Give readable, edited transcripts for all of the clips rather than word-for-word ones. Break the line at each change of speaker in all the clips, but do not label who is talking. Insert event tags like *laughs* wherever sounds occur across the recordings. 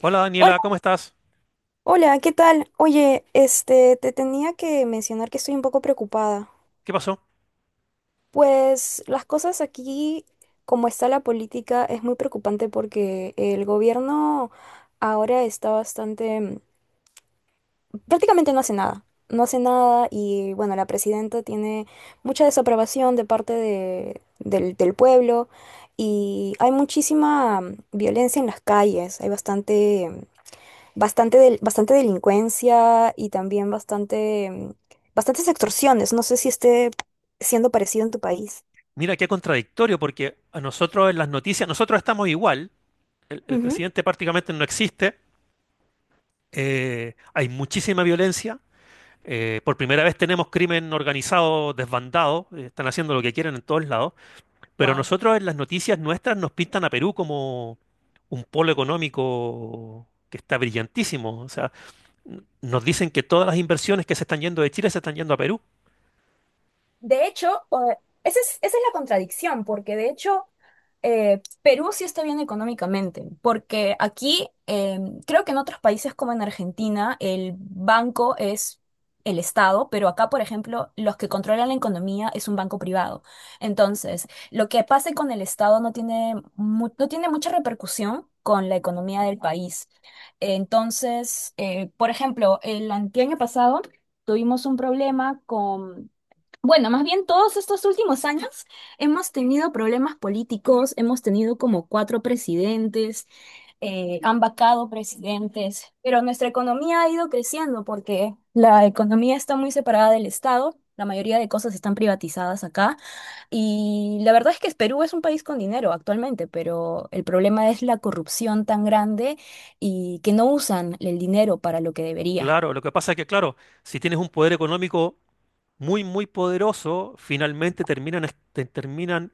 Hola
Hola,
Daniela, ¿cómo estás?
hola, ¿qué tal? Oye, te tenía que mencionar que estoy un poco preocupada.
¿Qué pasó?
Pues las cosas aquí, como está la política, es muy preocupante porque el gobierno ahora está bastante, prácticamente no hace nada. No hace nada y bueno, la presidenta tiene mucha desaprobación de parte del pueblo y hay muchísima violencia en las calles, hay bastante delincuencia y también bastantes extorsiones. No sé si esté siendo parecido en tu país.
Mira, qué contradictorio, porque a nosotros en las noticias, nosotros estamos igual, el
Ujú.
presidente prácticamente no existe. Hay muchísima violencia. Por primera vez tenemos crimen organizado desbandado. Están haciendo lo que quieren en todos lados, pero
Wow.
nosotros en las noticias nuestras nos pintan a Perú como un polo económico que está brillantísimo, o sea, nos dicen que todas las inversiones que se están yendo de Chile se están yendo a Perú.
De hecho, esa es la contradicción, porque de hecho Perú sí está bien económicamente, porque aquí creo que en otros países como en Argentina el banco es el Estado, pero acá, por ejemplo, los que controlan la economía es un banco privado. Entonces, lo que pase con el Estado no tiene mucha repercusión con la economía del país. Entonces, por ejemplo, el anteaño pasado tuvimos un problema, bueno, más bien todos estos últimos años hemos tenido problemas políticos, hemos tenido como cuatro presidentes. Han vacado presidentes, pero nuestra economía ha ido creciendo porque la economía está muy separada del Estado, la mayoría de cosas están privatizadas acá y la verdad es que Perú es un país con dinero actualmente, pero el problema es la corrupción tan grande y que no usan el dinero para lo que debería.
Claro, lo que pasa es que, claro, si tienes un poder económico muy, muy poderoso, finalmente terminan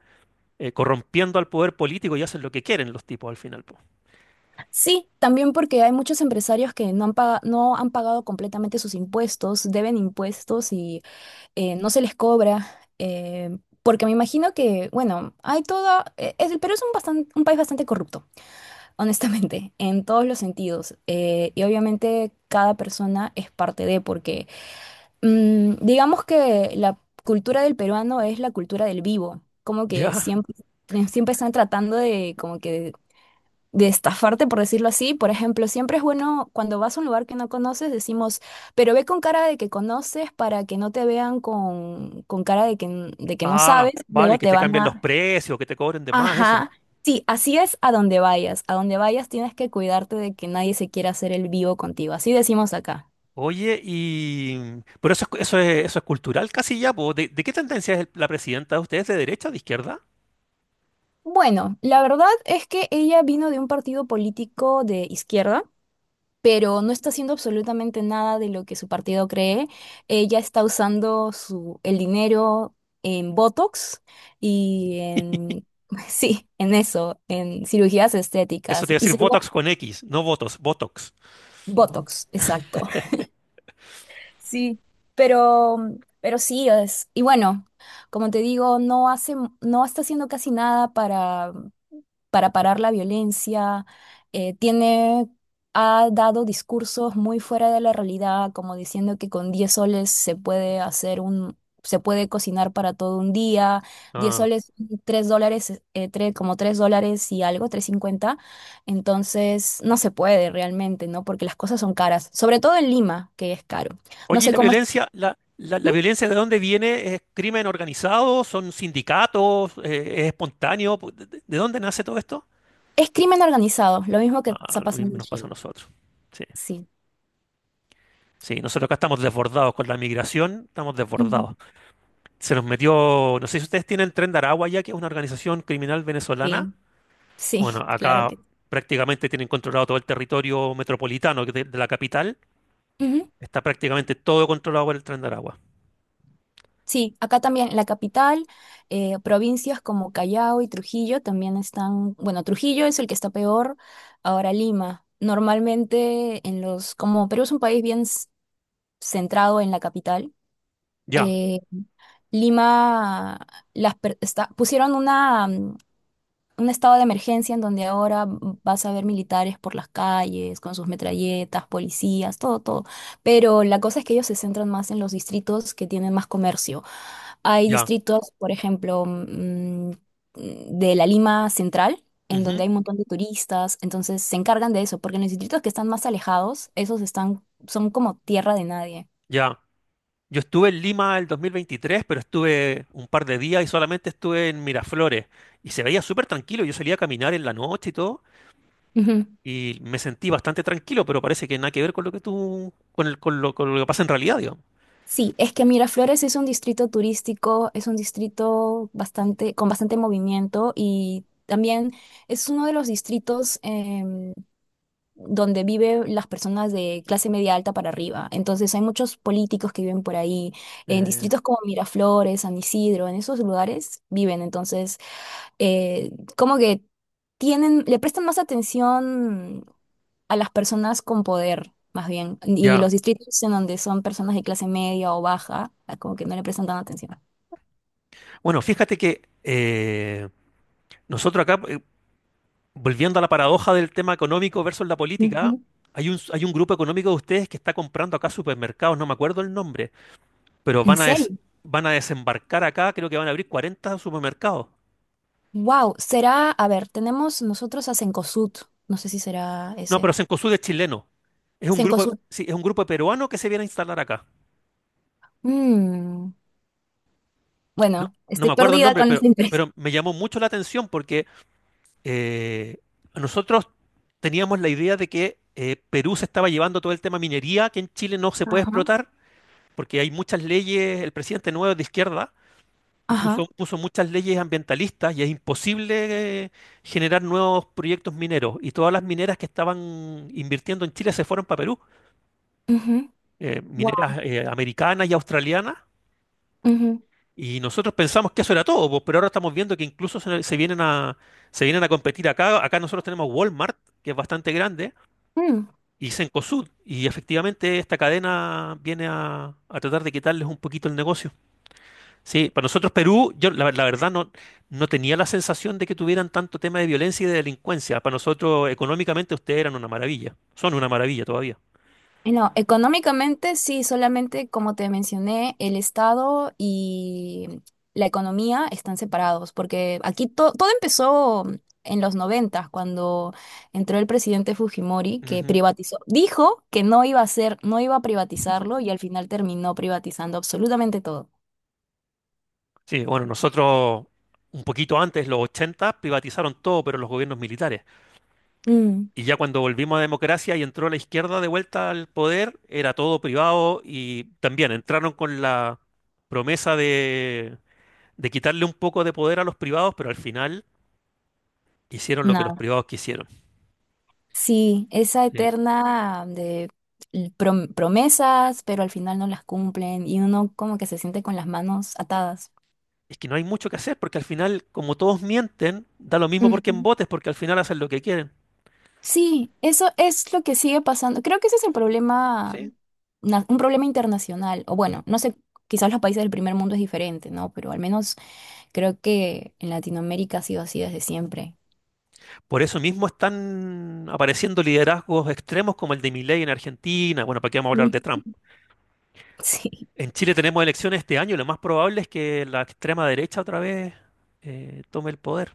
corrompiendo al poder político y hacen lo que quieren los tipos al final, po.
Sí, también porque hay muchos empresarios que no han pagado completamente sus impuestos, deben impuestos y no se les cobra. Porque me imagino que, bueno, el Perú es un país bastante corrupto, *laughs* honestamente, en todos los sentidos. Y obviamente cada persona es parte de, porque digamos que la cultura del peruano es la cultura del vivo, como que
¿Ya?
siempre están tratando de, como que de estafarte, por decirlo así. Por ejemplo, siempre es bueno cuando vas a un lugar que no conoces, decimos, pero ve con cara de que conoces para que no te vean con cara de que, de que no
Ah,
sabes,
vale,
luego
que
te
te
van
cambien los
a...
precios, que te cobren de más, eso.
Ajá. Sí, así es a donde vayas. A donde vayas tienes que cuidarte de que nadie se quiera hacer el vivo contigo. Así decimos acá.
Oye, y... Pero eso es cultural casi ya, po. ¿De qué tendencia es la presidenta de ustedes? ¿De derecha o de izquierda?
Bueno, la verdad es que ella vino de un partido político de izquierda, pero no está haciendo absolutamente nada de lo que su partido cree. Ella está usando el dinero en Botox y en, *laughs* sí, en eso, en cirugías
Eso te
estéticas
iba a
y
decir
según
Botox con X, no votos, Botox.
Botox, exacto. Sí, pero, pero sí, es, y bueno, como te digo, no está haciendo casi nada para parar la violencia. eh, tiene, Ha dado discursos muy fuera de la realidad, como diciendo que con 10 soles se puede se puede cocinar para todo un día. diez
Ah.
soles, 3 dólares, como 3 dólares y algo, 3.50. Entonces no se puede realmente, ¿no? Porque las cosas son caras, sobre todo en Lima, que es caro. No
Oye, ¿y
sé
la
cómo es.
violencia, la, la, la
¿Mm?
violencia de dónde viene? ¿Es crimen organizado? ¿Son sindicatos? ¿Es espontáneo? ¿De dónde nace todo esto?
Es crimen organizado, lo mismo que está
Ah, lo
pasando
mismo
en
nos pasa a
Chile.
nosotros. Sí.
Sí.
Sí, nosotros acá estamos desbordados con la migración, estamos
Ujú.
desbordados. Se nos metió, no sé si ustedes tienen Tren de Aragua ya, que es una organización criminal venezolana.
Sí, sí,
Bueno,
*laughs* claro
acá
que. Sí.
prácticamente tienen controlado todo el territorio metropolitano de la capital.
Ujú.
Está prácticamente todo controlado por el Tren de Aragua.
Sí, acá también la capital, provincias como Callao y Trujillo también están, bueno, Trujillo es el que está peor, ahora Lima. Normalmente en los, como Perú es un país bien centrado en la capital.
Ya,
eh, Lima pusieron una un estado de emergencia en donde ahora vas a ver militares por las calles, con sus metralletas, policías, todo, todo. Pero la cosa es que ellos se centran más en los distritos que tienen más comercio. Hay
ya,
distritos, por ejemplo, de la Lima Central, en donde
ujú,
hay un montón de turistas, entonces se encargan de eso, porque en los distritos que están más alejados, esos están, son como tierra de nadie.
ya. Yo estuve en Lima el 2023, pero estuve un par de días y solamente estuve en Miraflores. Y se veía súper tranquilo. Yo salía a caminar en la noche y todo.
Ujú.
Y me sentí bastante tranquilo, pero parece que nada que ver con lo que tú, con el, con lo que pasa en realidad, digamos.
Sí, es que Miraflores es un distrito turístico, es un distrito bastante, con bastante movimiento y también es uno de los distritos donde viven las personas de clase media alta para arriba. Entonces hay muchos políticos que viven por ahí, en
Eh,
distritos como Miraflores, San Isidro, en esos lugares viven. Entonces, eh, como que le prestan más atención a las personas con poder, más bien, y
ya.
los distritos en donde son personas de clase media o baja, ah, como que no le prestan tanta atención.
Bueno, fíjate que nosotros acá, volviendo a la paradoja del tema económico versus la política,
Ujú.
hay un grupo económico de ustedes que está comprando acá supermercados, no me acuerdo el nombre, pero
¿En serio?
van a desembarcar acá, creo que van a abrir 40 supermercados.
Wow, será, a ver, tenemos nosotros a Cencosud, no sé si será
No, pero
ese.
Cencosud es chileno. Es un grupo, sí, es un grupo peruano que se viene a instalar acá.
Mm.
No,
Bueno,
no
estoy
me acuerdo el
perdida
nombre,
con las
pero,
empresas.
pero me llamó mucho la atención porque eh, nosotros teníamos la idea de que Perú se estaba llevando todo el tema minería, que en Chile no se puede
Ajá,
explotar, porque hay muchas leyes, el presidente nuevo es de izquierda, y
ajá,
puso muchas leyes ambientalistas, y es imposible generar nuevos proyectos mineros. Y todas las mineras que estaban invirtiendo en Chile se fueron para Perú,
ujú, guau,
mineras americanas y australianas.
ujú,
Y nosotros pensamos que eso era todo, pues, pero ahora estamos viendo que incluso se vienen a competir acá. Acá nosotros tenemos Walmart, que es bastante grande,
mm.
y Cencosud. Y efectivamente esta cadena viene a tratar de quitarles un poquito el negocio. Sí, para nosotros Perú, yo la verdad no tenía la sensación de que tuvieran tanto tema de violencia y de delincuencia. Para nosotros económicamente ustedes eran una maravilla. Son una maravilla todavía.
Y no, económicamente sí, solamente como te mencioné, el Estado y la economía están separados, porque aquí todo empezó en los noventas, cuando entró el presidente Fujimori, que
Ujú.
privatizó, dijo que no iba a hacer, no iba a privatizarlo y al final terminó privatizando absolutamente todo.
Sí, bueno, nosotros un poquito antes, los 80 privatizaron todo, pero los gobiernos militares.
Mm.
Y ya cuando volvimos a democracia y entró la izquierda de vuelta al poder, era todo privado y también entraron con la promesa de quitarle un poco de poder a los privados, pero al final hicieron lo que los privados quisieron.
Sí, esa
Sí.
eterna de promesas, pero al final no las cumplen y uno como que se siente con las manos atadas.
Es que no hay mucho que hacer, porque al final, como todos mienten, da lo mismo por quién
Ujú.
votes, porque al final hacen lo que quieren.
Sí, eso es lo que sigue pasando. Creo que ese es el problema,
Sí.
un problema internacional, o
Mm.
bueno, no sé, quizás los países del primer mundo es diferente, ¿no? Pero al menos creo que en Latinoamérica ha sido así desde siempre.
Por eso mismo están apareciendo liderazgos extremos como el de Milei en Argentina. Bueno, ¿para qué vamos a hablar de
Mm.
Trump?
*laughs* Sí.
En Chile tenemos elecciones este año y lo más probable es que la extrema derecha otra vez tome el poder.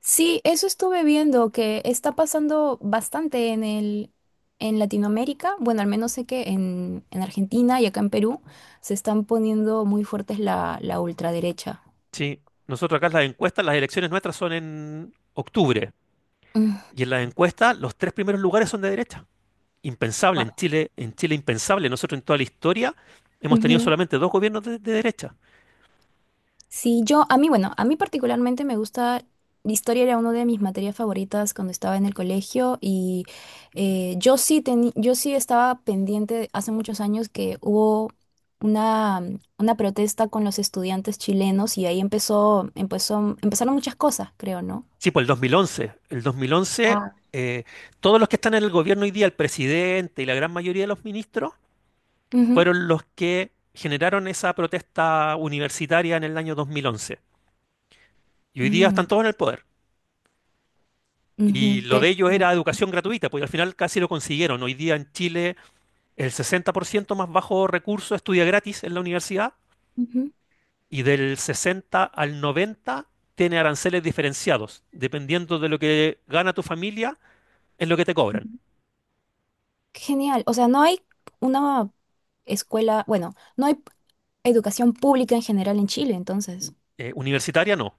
Sí, eso estuve viendo que está pasando bastante en Latinoamérica. Bueno, al menos sé que en Argentina y acá en Perú se están poniendo muy fuertes la ultraderecha.
Sí, nosotros acá en las encuestas, las elecciones nuestras son en octubre.
Mm,
Y en las encuestas, los tres primeros lugares son de derecha. Impensable en Chile impensable. Nosotros en toda la historia hemos tenido
guau.
solamente dos gobiernos de derecha.
Sí, a mí, bueno, a mí particularmente me gusta, la historia era una de mis materias favoritas cuando estaba en el colegio y yo sí estaba pendiente hace muchos años que hubo una, una protesta con los estudiantes chilenos y ahí empezaron muchas cosas, creo, ¿no?
Sí, pues el 2011. El 2011, eh, todos los que están en el gobierno hoy día, el presidente y la gran mayoría de los ministros,
Ujú.
fueron los que generaron esa protesta universitaria en el año 2011. Y hoy día
Mm,
están todos en el poder. Y
ujú,
lo
pero,
de ellos era educación gratuita, pues al final casi lo consiguieron. Hoy día en Chile el 60% más bajo recurso estudia gratis en la universidad,
ujú,
y del 60 al 90 tiene aranceles diferenciados. Dependiendo de lo que gana tu familia, es lo que te
ujú.
cobran.
Qué genial, o sea, no hay una escuela, bueno, no hay educación pública en general en Chile, entonces.
Universitaria no,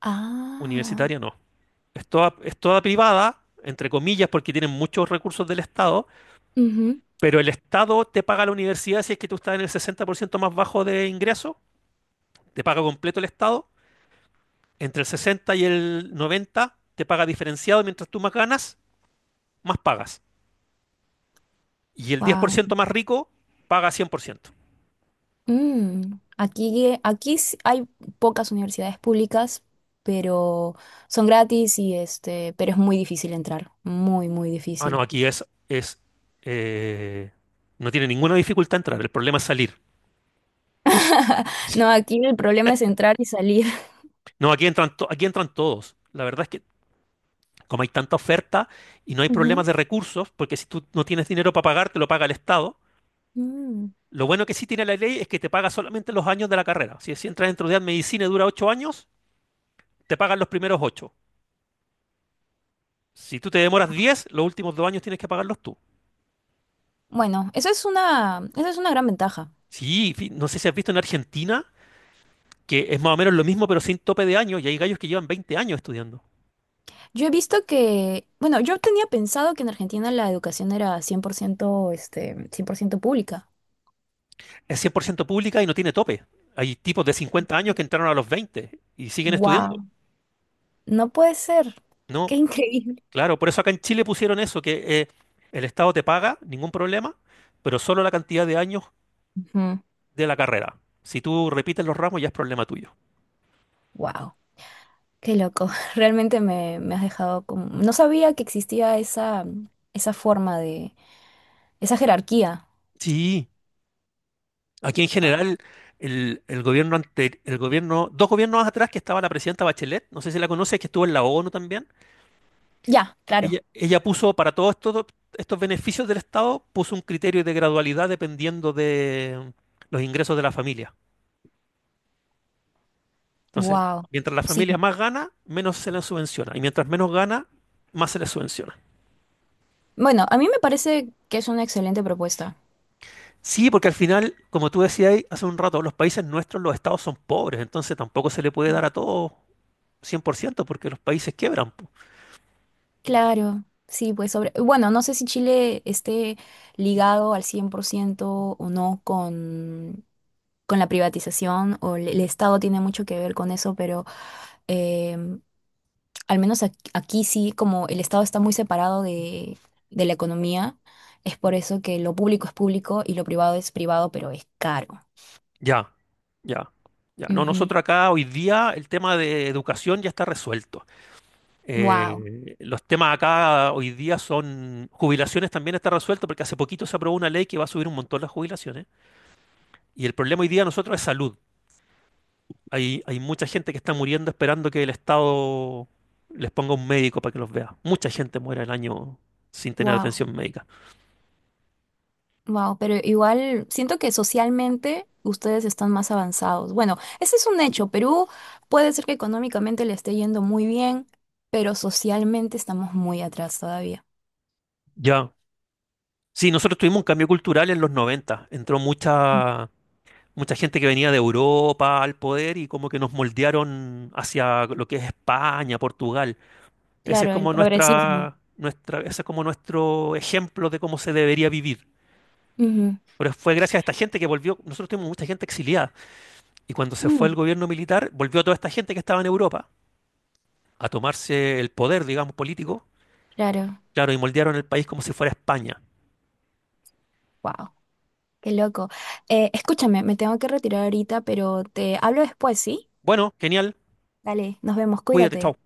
Ah,
universitaria no. Es toda privada, entre comillas, porque tienen muchos recursos del Estado, pero el Estado te paga la universidad si es que tú estás en el 60% más bajo de ingreso, te paga completo el Estado. Entre el 60 y el 90 te paga diferenciado: mientras tú más ganas, más pagas. Y el
wow.
10% más rico paga 100%.
Aquí sí hay pocas universidades públicas, pero son gratis y pero es muy difícil entrar, muy, muy
Ah, no,
difícil.
aquí es eh, no tiene ninguna dificultad entrar, el problema es salir.
*laughs* No, aquí el problema es entrar y salir. *laughs*
No, aquí entran, aquí entran todos. La verdad es que como hay tanta oferta y no hay problemas
Ujú.
de recursos, porque si tú no tienes dinero para pagar, te lo paga el Estado.
Mm.
Lo bueno que sí tiene la ley es que te paga solamente los años de la carrera. Si entras dentro de medicina y dura 8 años, te pagan los primeros ocho. Si tú te demoras 10, los últimos dos años tienes que pagarlos tú.
Bueno, esa es una gran ventaja.
Sí, no sé si has visto en Argentina, que es más o menos lo mismo, pero sin tope de años, y hay gallos que llevan 20 años estudiando.
Yo he visto que, bueno, yo tenía pensado que en Argentina la educación era 100%, 100% pública.
Es 100% pública y no tiene tope. Hay tipos de 50 años que entraron a los 20 y siguen estudiando.
Wow, no puede ser.
No,
Qué increíble.
claro, por eso acá en Chile pusieron eso, que el Estado te paga, ningún problema, pero solo la cantidad de años
Ujú.
de la carrera. Si tú repites los ramos ya es problema tuyo.
Wow, qué loco. *laughs* Realmente me has dejado como... No sabía que existía esa forma de... esa jerarquía.
Sí, aquí en general el gobierno, dos gobiernos atrás que estaba la presidenta Bachelet, no sé si la conoces, que estuvo en la ONU también.
Ya, claro.
Ella puso para estos beneficios del Estado, puso un criterio de gradualidad dependiendo de los ingresos de la familia. Entonces,
Wow.
mientras la
Sí.
familia más gana, menos se le subvenciona. Y mientras menos gana, más se le subvenciona.
Bueno, a mí me parece que es una excelente propuesta.
Sí, porque al final, como tú decías ahí hace un rato, los países nuestros, los estados son pobres, entonces tampoco se le puede dar a todos 100% porque los países quiebran. Po.
Claro. Sí, pues sobre... Bueno, no sé si Chile esté ligado al 100% o no con la privatización o el Estado tiene mucho que ver con eso, pero... em, al menos aquí sí, como el Estado está muy separado de la economía, es por eso que lo público es público y lo privado es privado, pero es caro.
Ya, ya, ya. No,
Ujú.
nosotros acá hoy día el tema de educación ya está resuelto.
Wow,
Los temas acá hoy día son jubilaciones, también está resuelto porque hace poquito se aprobó una ley que va a subir un montón las jubilaciones, y el problema hoy día de nosotros es salud. Hay mucha gente que está muriendo esperando que el Estado les ponga un médico para que los vea. Mucha gente muere al año sin tener
wow,
atención médica.
wow. Pero igual siento que socialmente ustedes están más avanzados. Bueno, ese es un hecho. Perú puede ser que económicamente le esté yendo muy bien, pero socialmente estamos muy atrás todavía.
Ya. Sí, nosotros tuvimos un cambio cultural en los noventa. Entró mucha gente que venía de Europa al poder y como que nos moldearon hacia lo que es España, Portugal. Ese es
Claro, el
como
progresismo.
nuestro ejemplo de cómo se debería vivir.
Ujú.
Pero fue gracias a esta gente que volvió. Nosotros tuvimos mucha gente exiliada. Y cuando se fue el
Mm,
gobierno militar, volvió toda esta gente que estaba en Europa a tomarse el poder, digamos, político.
claro.
Claro, y moldearon el país como si fuera España.
Wow. Qué loco. Escúchame, me tengo que retirar ahorita, pero te hablo después, ¿sí?
Bueno, genial.
Dale, nos vemos,
Cuídate, chao.
cuídate.